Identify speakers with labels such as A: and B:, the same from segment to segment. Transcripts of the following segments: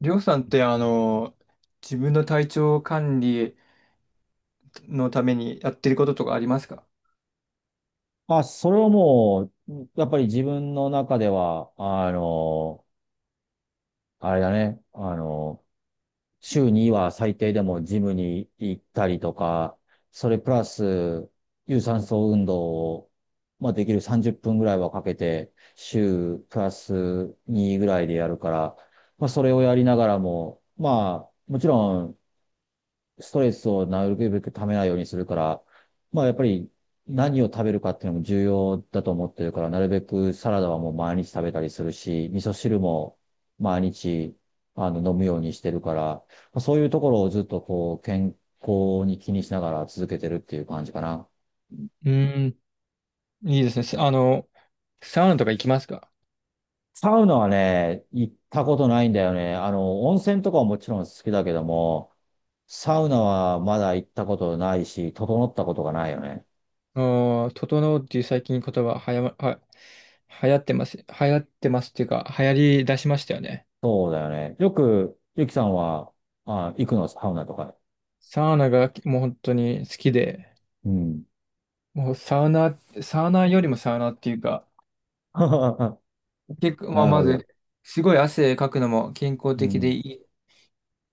A: りょうさんって自分の体調管理のためにやってることとかありますか？
B: あ、それはもう、やっぱり自分の中では、あれだね、週には最低でもジムに行ったりとか、それプラス、有酸素運動を、できる30分ぐらいはかけて、週プラス2ぐらいでやるから、それをやりながらも、もちろん、ストレスをなるべくためないようにするから、やっぱり何を食べるかっていうのも重要だと思ってるから、なるべくサラダはもう毎日食べたりするし、味噌汁も毎日飲むようにしてるから、そういうところをずっとこう健康に気にしながら続けてるっていう感じかな。
A: うーん、いいですね。せあの、サウナとか行きますか？
B: サウナはね、行ったことないんだよね。温泉とかはもちろん好きだけども、サウナはまだ行ったことないし、整ったことがないよね。
A: うーん、整うっていう最近言葉はやま、は、流行ってます。流行ってますっていうか、流行り出しましたよね。
B: そうだよね。よく、ゆきさんは、あ、行くの、サウナとか？
A: サウナがもう本当に好きで、
B: うん。
A: もうサウナ、サウナよりもサウナっていうか、結構、まあ、
B: なる
A: ま
B: ほど。
A: ず、すごい汗かくのも健康
B: う
A: 的で
B: ん。
A: い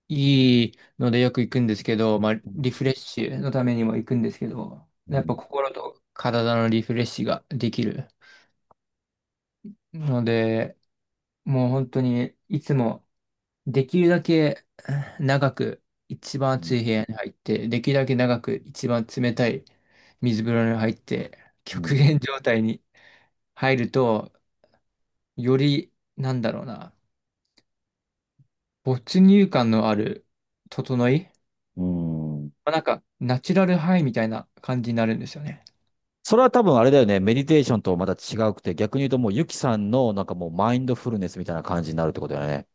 A: いいのでよく行くんですけど、まあ、
B: う
A: リ
B: ん。
A: フレッシュのためにも行くんですけど、
B: う
A: やっぱ
B: ん。
A: 心と体のリフレッシュができるので、もう本当にいつもできるだけ長く一番
B: う
A: 暑
B: ん。
A: い部屋に入って、できるだけ長く一番冷たい水風呂に入って、
B: う
A: 極
B: ん。
A: 限状態に入ると、より、なんだろうな、没入感のある整い、
B: うん。
A: まあなんかナチュラルハイみたいな感じになるんですよね。
B: それは多分あれだよね。メディテーションとまた違うくて、逆に言うともうゆきさんのなんかもうマインドフルネスみたいな感じになるってことだよね。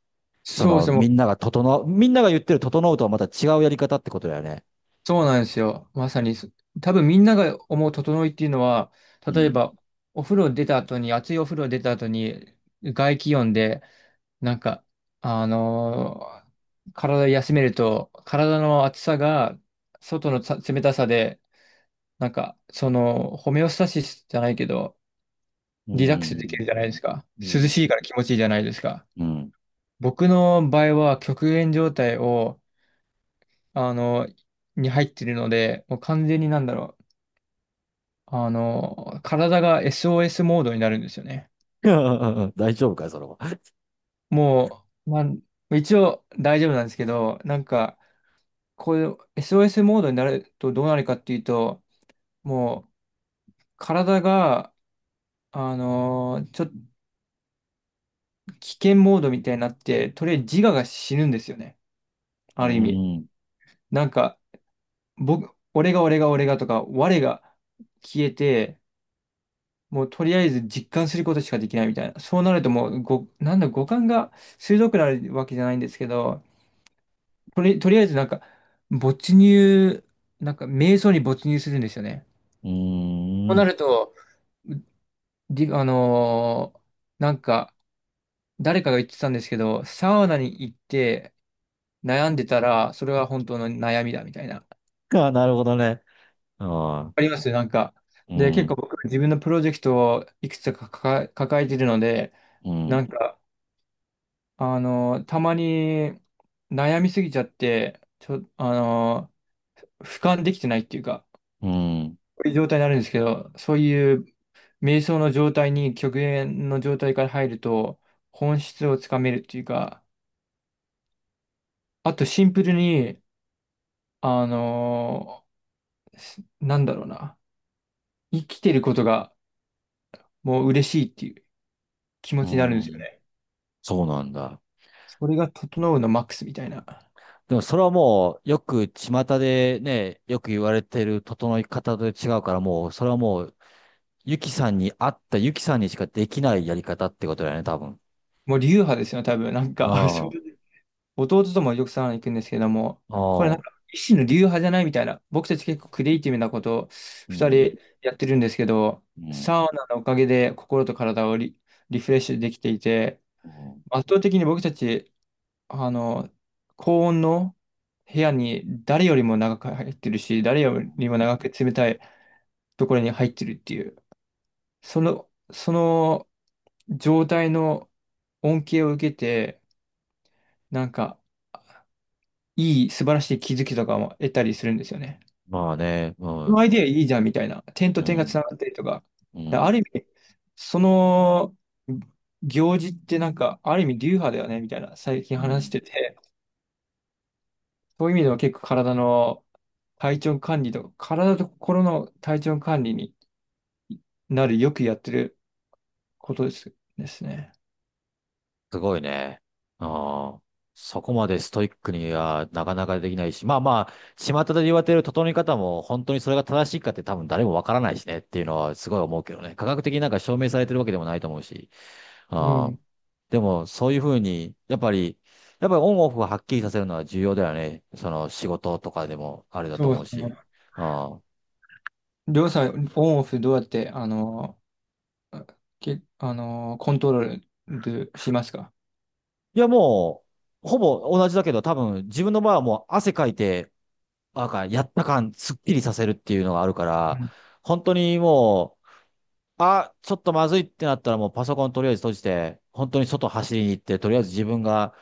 B: そ
A: そうで
B: の、
A: すね、も
B: みん
A: う
B: なが整う、みんなが言ってる整うとはまた違うやり方ってことだよね。
A: そうなんですよ。まさにそ、多分みんなが思う整いっていうのは、
B: う
A: 例え
B: ん。
A: ば、お風呂出た後に、熱いお風呂出た後に、外気温で、なんか、あのー体休めると、体の熱さが、外のさ冷たさで、なんか、その、ホメオスタシスじゃないけど、
B: う
A: リラックスでき
B: ん。
A: るじゃないですか。
B: う
A: 涼
B: ん。
A: しいから気持ちいいじゃないですか。
B: うん。
A: 僕の場合は、極限状態を、あのに入ってるので、もう完全になんだろう。体が SOS モードになるんですよね。
B: うん。 大丈夫かい、それは。
A: もう、まあ、一応大丈夫なんですけど、なんか、こういう SOS モードになるとどうなるかっていうと、もう、体が、ちょっと危険モードみたいになって、とりあえず自我が死ぬんですよね。
B: う
A: ある意味。
B: ん。
A: なんか、僕、俺が俺が俺がとか、我が消えて、もうとりあえず実感することしかできないみたいな。そうなるともう、なんだ、五感が鋭くなるわけじゃないんですけど、とりあえずなんか、没入、なんか、瞑想に没入するんですよね。
B: う
A: とな
B: ん。
A: ると、りあのーなんか、誰かが言ってたんですけど、サウナに行って悩んでたら、それは本当の悩みだみたいな。わ
B: あ、なるほどね。ああ、
A: かりますなんか。
B: う
A: で、結
B: ん、
A: 構僕、自分のプロジェクトをいくつか抱えてるので、
B: う
A: な
B: ん、
A: んか、たまに悩みすぎちゃって、ちょ、あのー俯瞰できてないっていうか、
B: うん、
A: こういう状態になるんですけど、そういう瞑想の状態に極限の状態から入ると本質をつかめるっていうか、あとシンプルに、あのーすなんだろうな、生きてることがもう嬉しいっていう気持
B: う
A: ちになるんですよ
B: ん。
A: ね。
B: そうなんだ。
A: それが整うのマックスみたいな。
B: でもそれはもう、よく巷でね、よく言われてる整い方と違うから、もう、それはもう、ゆきさんに合ったゆきさんにしかできないやり方ってことだよね、多分。
A: もう流派ですよね、多分。なん
B: あ
A: か、正
B: あ、
A: 直弟ともよくサウナ行くんですけども、
B: あ
A: これなん
B: あ、
A: か一種の流派じゃないみたいな。僕たち結構クリエイティブなことを
B: う
A: 二
B: ん、
A: 人やってるんですけど、
B: うん、
A: サウナのおかげで心と体をリフレッシュできていて、
B: うん。
A: 圧倒的に僕たち、あの、高温の部屋に誰よりも長く入ってるし、誰よりも長く冷たいところに入ってるっていう、その状態の恩恵を受けて、なんか、素晴らしい気づきとかも得たりするんですよね。
B: まあね、う
A: この
B: ん、
A: アイデアいいじゃんみたいな。点と
B: う
A: 点がつ
B: ん、
A: ながったりとか。
B: う
A: あ
B: ん、
A: る意味、その行事ってなんか、ある意味流派だよねみたいな、最
B: う
A: 近話し
B: ん。
A: てて。そういう意味では結構体の体調管理と、体と心の体調管理になるよくやってることですね。
B: すごいね。ああ。そこまでストイックにはなかなかできないし、まあまあ、巷で言われてる整え方も本当にそれが正しいかって多分誰もわからないしねっていうのはすごい思うけどね。科学的になんか証明されてるわけでもないと思うし。
A: う
B: ああ。
A: ん。
B: でもそういうふうに、やっぱりオンオフをはっきりさせるのは重要だよね。その仕事とかでもあれだと
A: そう
B: 思
A: で
B: う
A: す
B: し。
A: ね。
B: ああ。
A: りょうさん、オンオフどうやって、あの、け、あの、コントロールしますか？
B: いやもう、ほぼ同じだけど多分自分の場合はもう汗かいて、なんか、やった感、すっきりさせるっていうのがあるか
A: う
B: ら、
A: ん
B: 本当にもう、あ、ちょっとまずいってなったらもうパソコンとりあえず閉じて、本当に外走りに行って、とりあえず自分が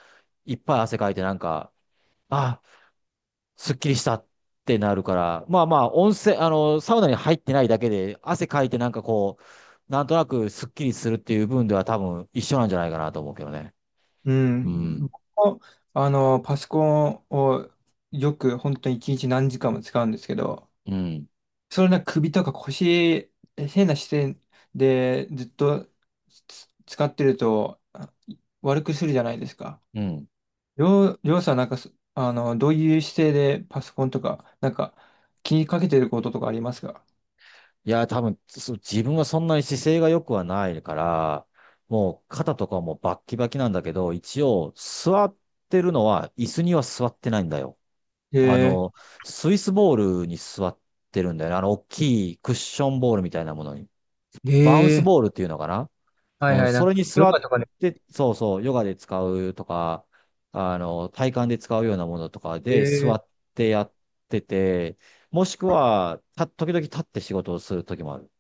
B: いっぱい汗かいてなんか、あ、すっきりしたってなるから、まあまあ、温泉、サウナに入ってないだけで、汗かいてなんかこう、なんとなくすっきりするっていう部分では多分一緒なんじゃないかなと思うけどね。
A: う
B: う
A: ん。
B: ん。
A: 僕もパソコンをよく本当に一日何時間も使うんですけど、
B: うん。
A: それな首とか腰、変な姿勢でずっと使ってると悪くするじゃないですか。
B: うん。
A: りょうさんなんかそ、あの、どういう姿勢でパソコンとか、なんか気にかけてることとかありますか？
B: いや、多分、自分はそんなに姿勢が良くはないから、もう肩とかもバッキバキなんだけど、一応座ってるのは椅子には座ってないんだよ。あ
A: ええ
B: の、スイスボールに座ってるんだよね。あの、大きいクッションボールみたいなものに。バウンス
A: ええ、
B: ボールっていうのかな。
A: はい
B: うん、
A: はい、な
B: そ
A: ん
B: れ
A: か、
B: に
A: ヨ
B: 座
A: ガ
B: っ
A: とかね、
B: て、そうそう、ヨガで使うとか、体幹で使うようなものとかで座
A: え
B: っ
A: え、
B: てやってて、もしくは、時々立って仕事をする時もある。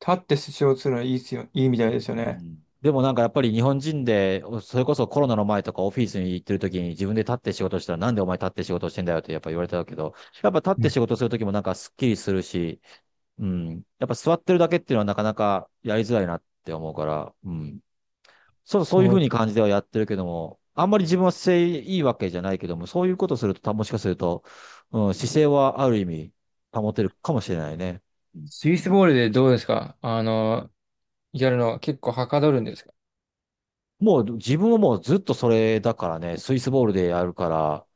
A: 立ってスシをするのいいっすよ、いいみたいですよ
B: う
A: ね。
B: ん。でもなんかやっぱり日本人で、それこそコロナの前とかオフィスに行ってる時に自分で立って仕事したらなんでお前立って仕事してんだよってやっぱ言われたけど、やっぱ立って
A: ね、
B: 仕事する時もなんかスッキリするし、うん。やっぱ座ってるだけっていうのはなかなかやりづらいなって思うから、うん。そう、そういう
A: そ
B: ふう
A: う。
B: に感じではやってるけども、あんまり自分は姿勢いいわけじゃないけども、そういうことすると、もしかすると、うん、姿勢はある意味保てるかもしれないね。
A: スイスボールでどうですか、やるのは結構はかどるんですか？
B: もう自分はもうずっとそれだからね、スイスボールでやるから、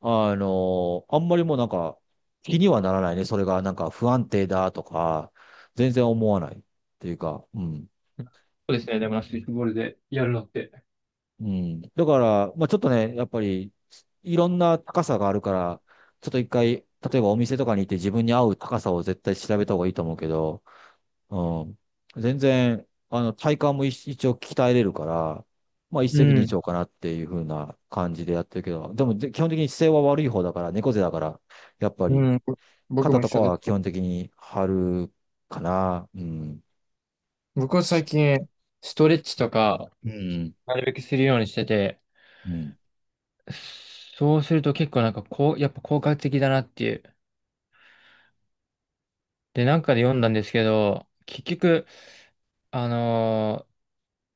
B: あんまりもうなんか気にはならないね。それがなんか不安定だとか、全然思わないっていうか、うん。
A: そうですね、でもなスイスボールでやるのって。
B: うん。だから、まあちょっとね、やっぱりいろんな高さがあるから、ちょっと一回、例えばお店とかに行って自分に合う高さを絶対調べた方がいいと思うけど、うん。全然、体幹も一応鍛えれるから、まあ一
A: う
B: 石二
A: ん。
B: 鳥かなっていう風な感じでやってるけど、でも基本的に姿勢は悪い方だから、猫背だから、やっぱり、
A: うん、僕
B: 肩
A: も一
B: とか
A: 緒で
B: は基
A: す。
B: 本的に貼るかな。うん。
A: 僕は最近、ストレッチとか、
B: うん。
A: なるべくするようにしてて、
B: うん。
A: そうすると結構なんかこう、やっぱ効果的だなっていう。で、なんかで読んだんですけど、結局、あのー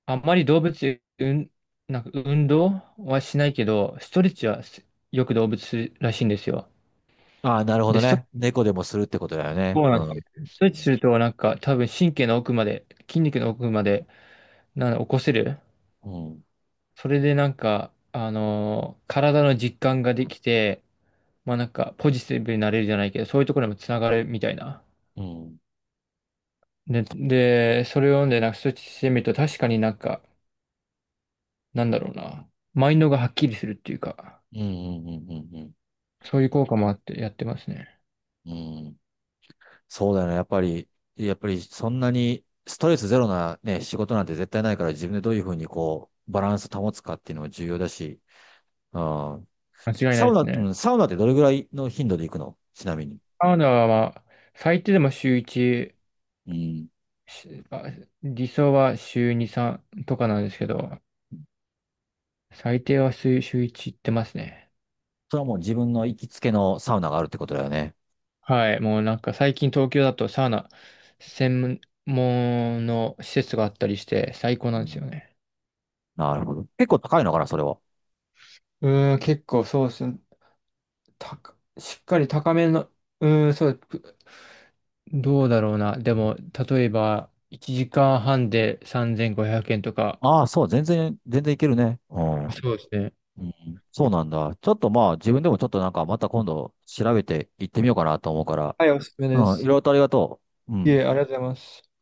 A: あんまりうん、なんか運動はしないけど、ストレッチはよく動物するらしいんですよ。
B: ああ、なるほ
A: で、
B: ど
A: スト
B: ね。猫でもするってことだよね。
A: そうな
B: う
A: んで
B: ん。
A: すよ。ストレッチするとなんか多分神経の奥まで、筋肉の奥まで、なんだ起こせる。
B: うん。
A: それでなんか、体の実感ができて、まあなんかポジティブになれるじゃないけど、そういうところにもつながるみたいな。
B: うん。
A: で、それを読んでなんかそっちしてみると確かになんか、なんだろうな。マインドがはっきりするっていうか、
B: うん。うん。うん。
A: そういう効果もあってやってますね。
B: うん。うん。そうだよね。やっぱりそんなにストレスゼロなね、仕事なんて絶対ないから自分でどういうふうにこう、バランス保つかっていうのも重要だし。うん。
A: 間違い
B: サ
A: ない
B: ウ
A: です
B: ナ、う
A: ね。
B: ん、サウナってどれぐらいの頻度で行くのちなみに？
A: カナダはまあ、最低でも週1、
B: うん。
A: しあ理想は週2、3とかなんですけど、最低は週1行ってますね。
B: それはもう自分の行きつけのサウナがあるってことだよね。
A: はい、もうなんか最近東京だとサウナ専門の施設があったりして最高
B: う
A: なんですよ
B: ん。
A: ね。
B: なるほど。結構高いのかな、それは。
A: うーん、結構そうですね。しっかり高めの、うーん、そう、どうだろうな。でも、例えば1時間半で3500円とか。
B: ああ、そう、全然、いけるね。うん。
A: そうですね。
B: うん。そうなんだ。ちょっとまあ、自分でもちょっとなんか、また今度調べて行ってみようかなと思うから。
A: はい、おすすめで
B: うん、い
A: す。
B: ろいろとありがとう。う
A: い
B: ん。
A: え、ありがとうございます。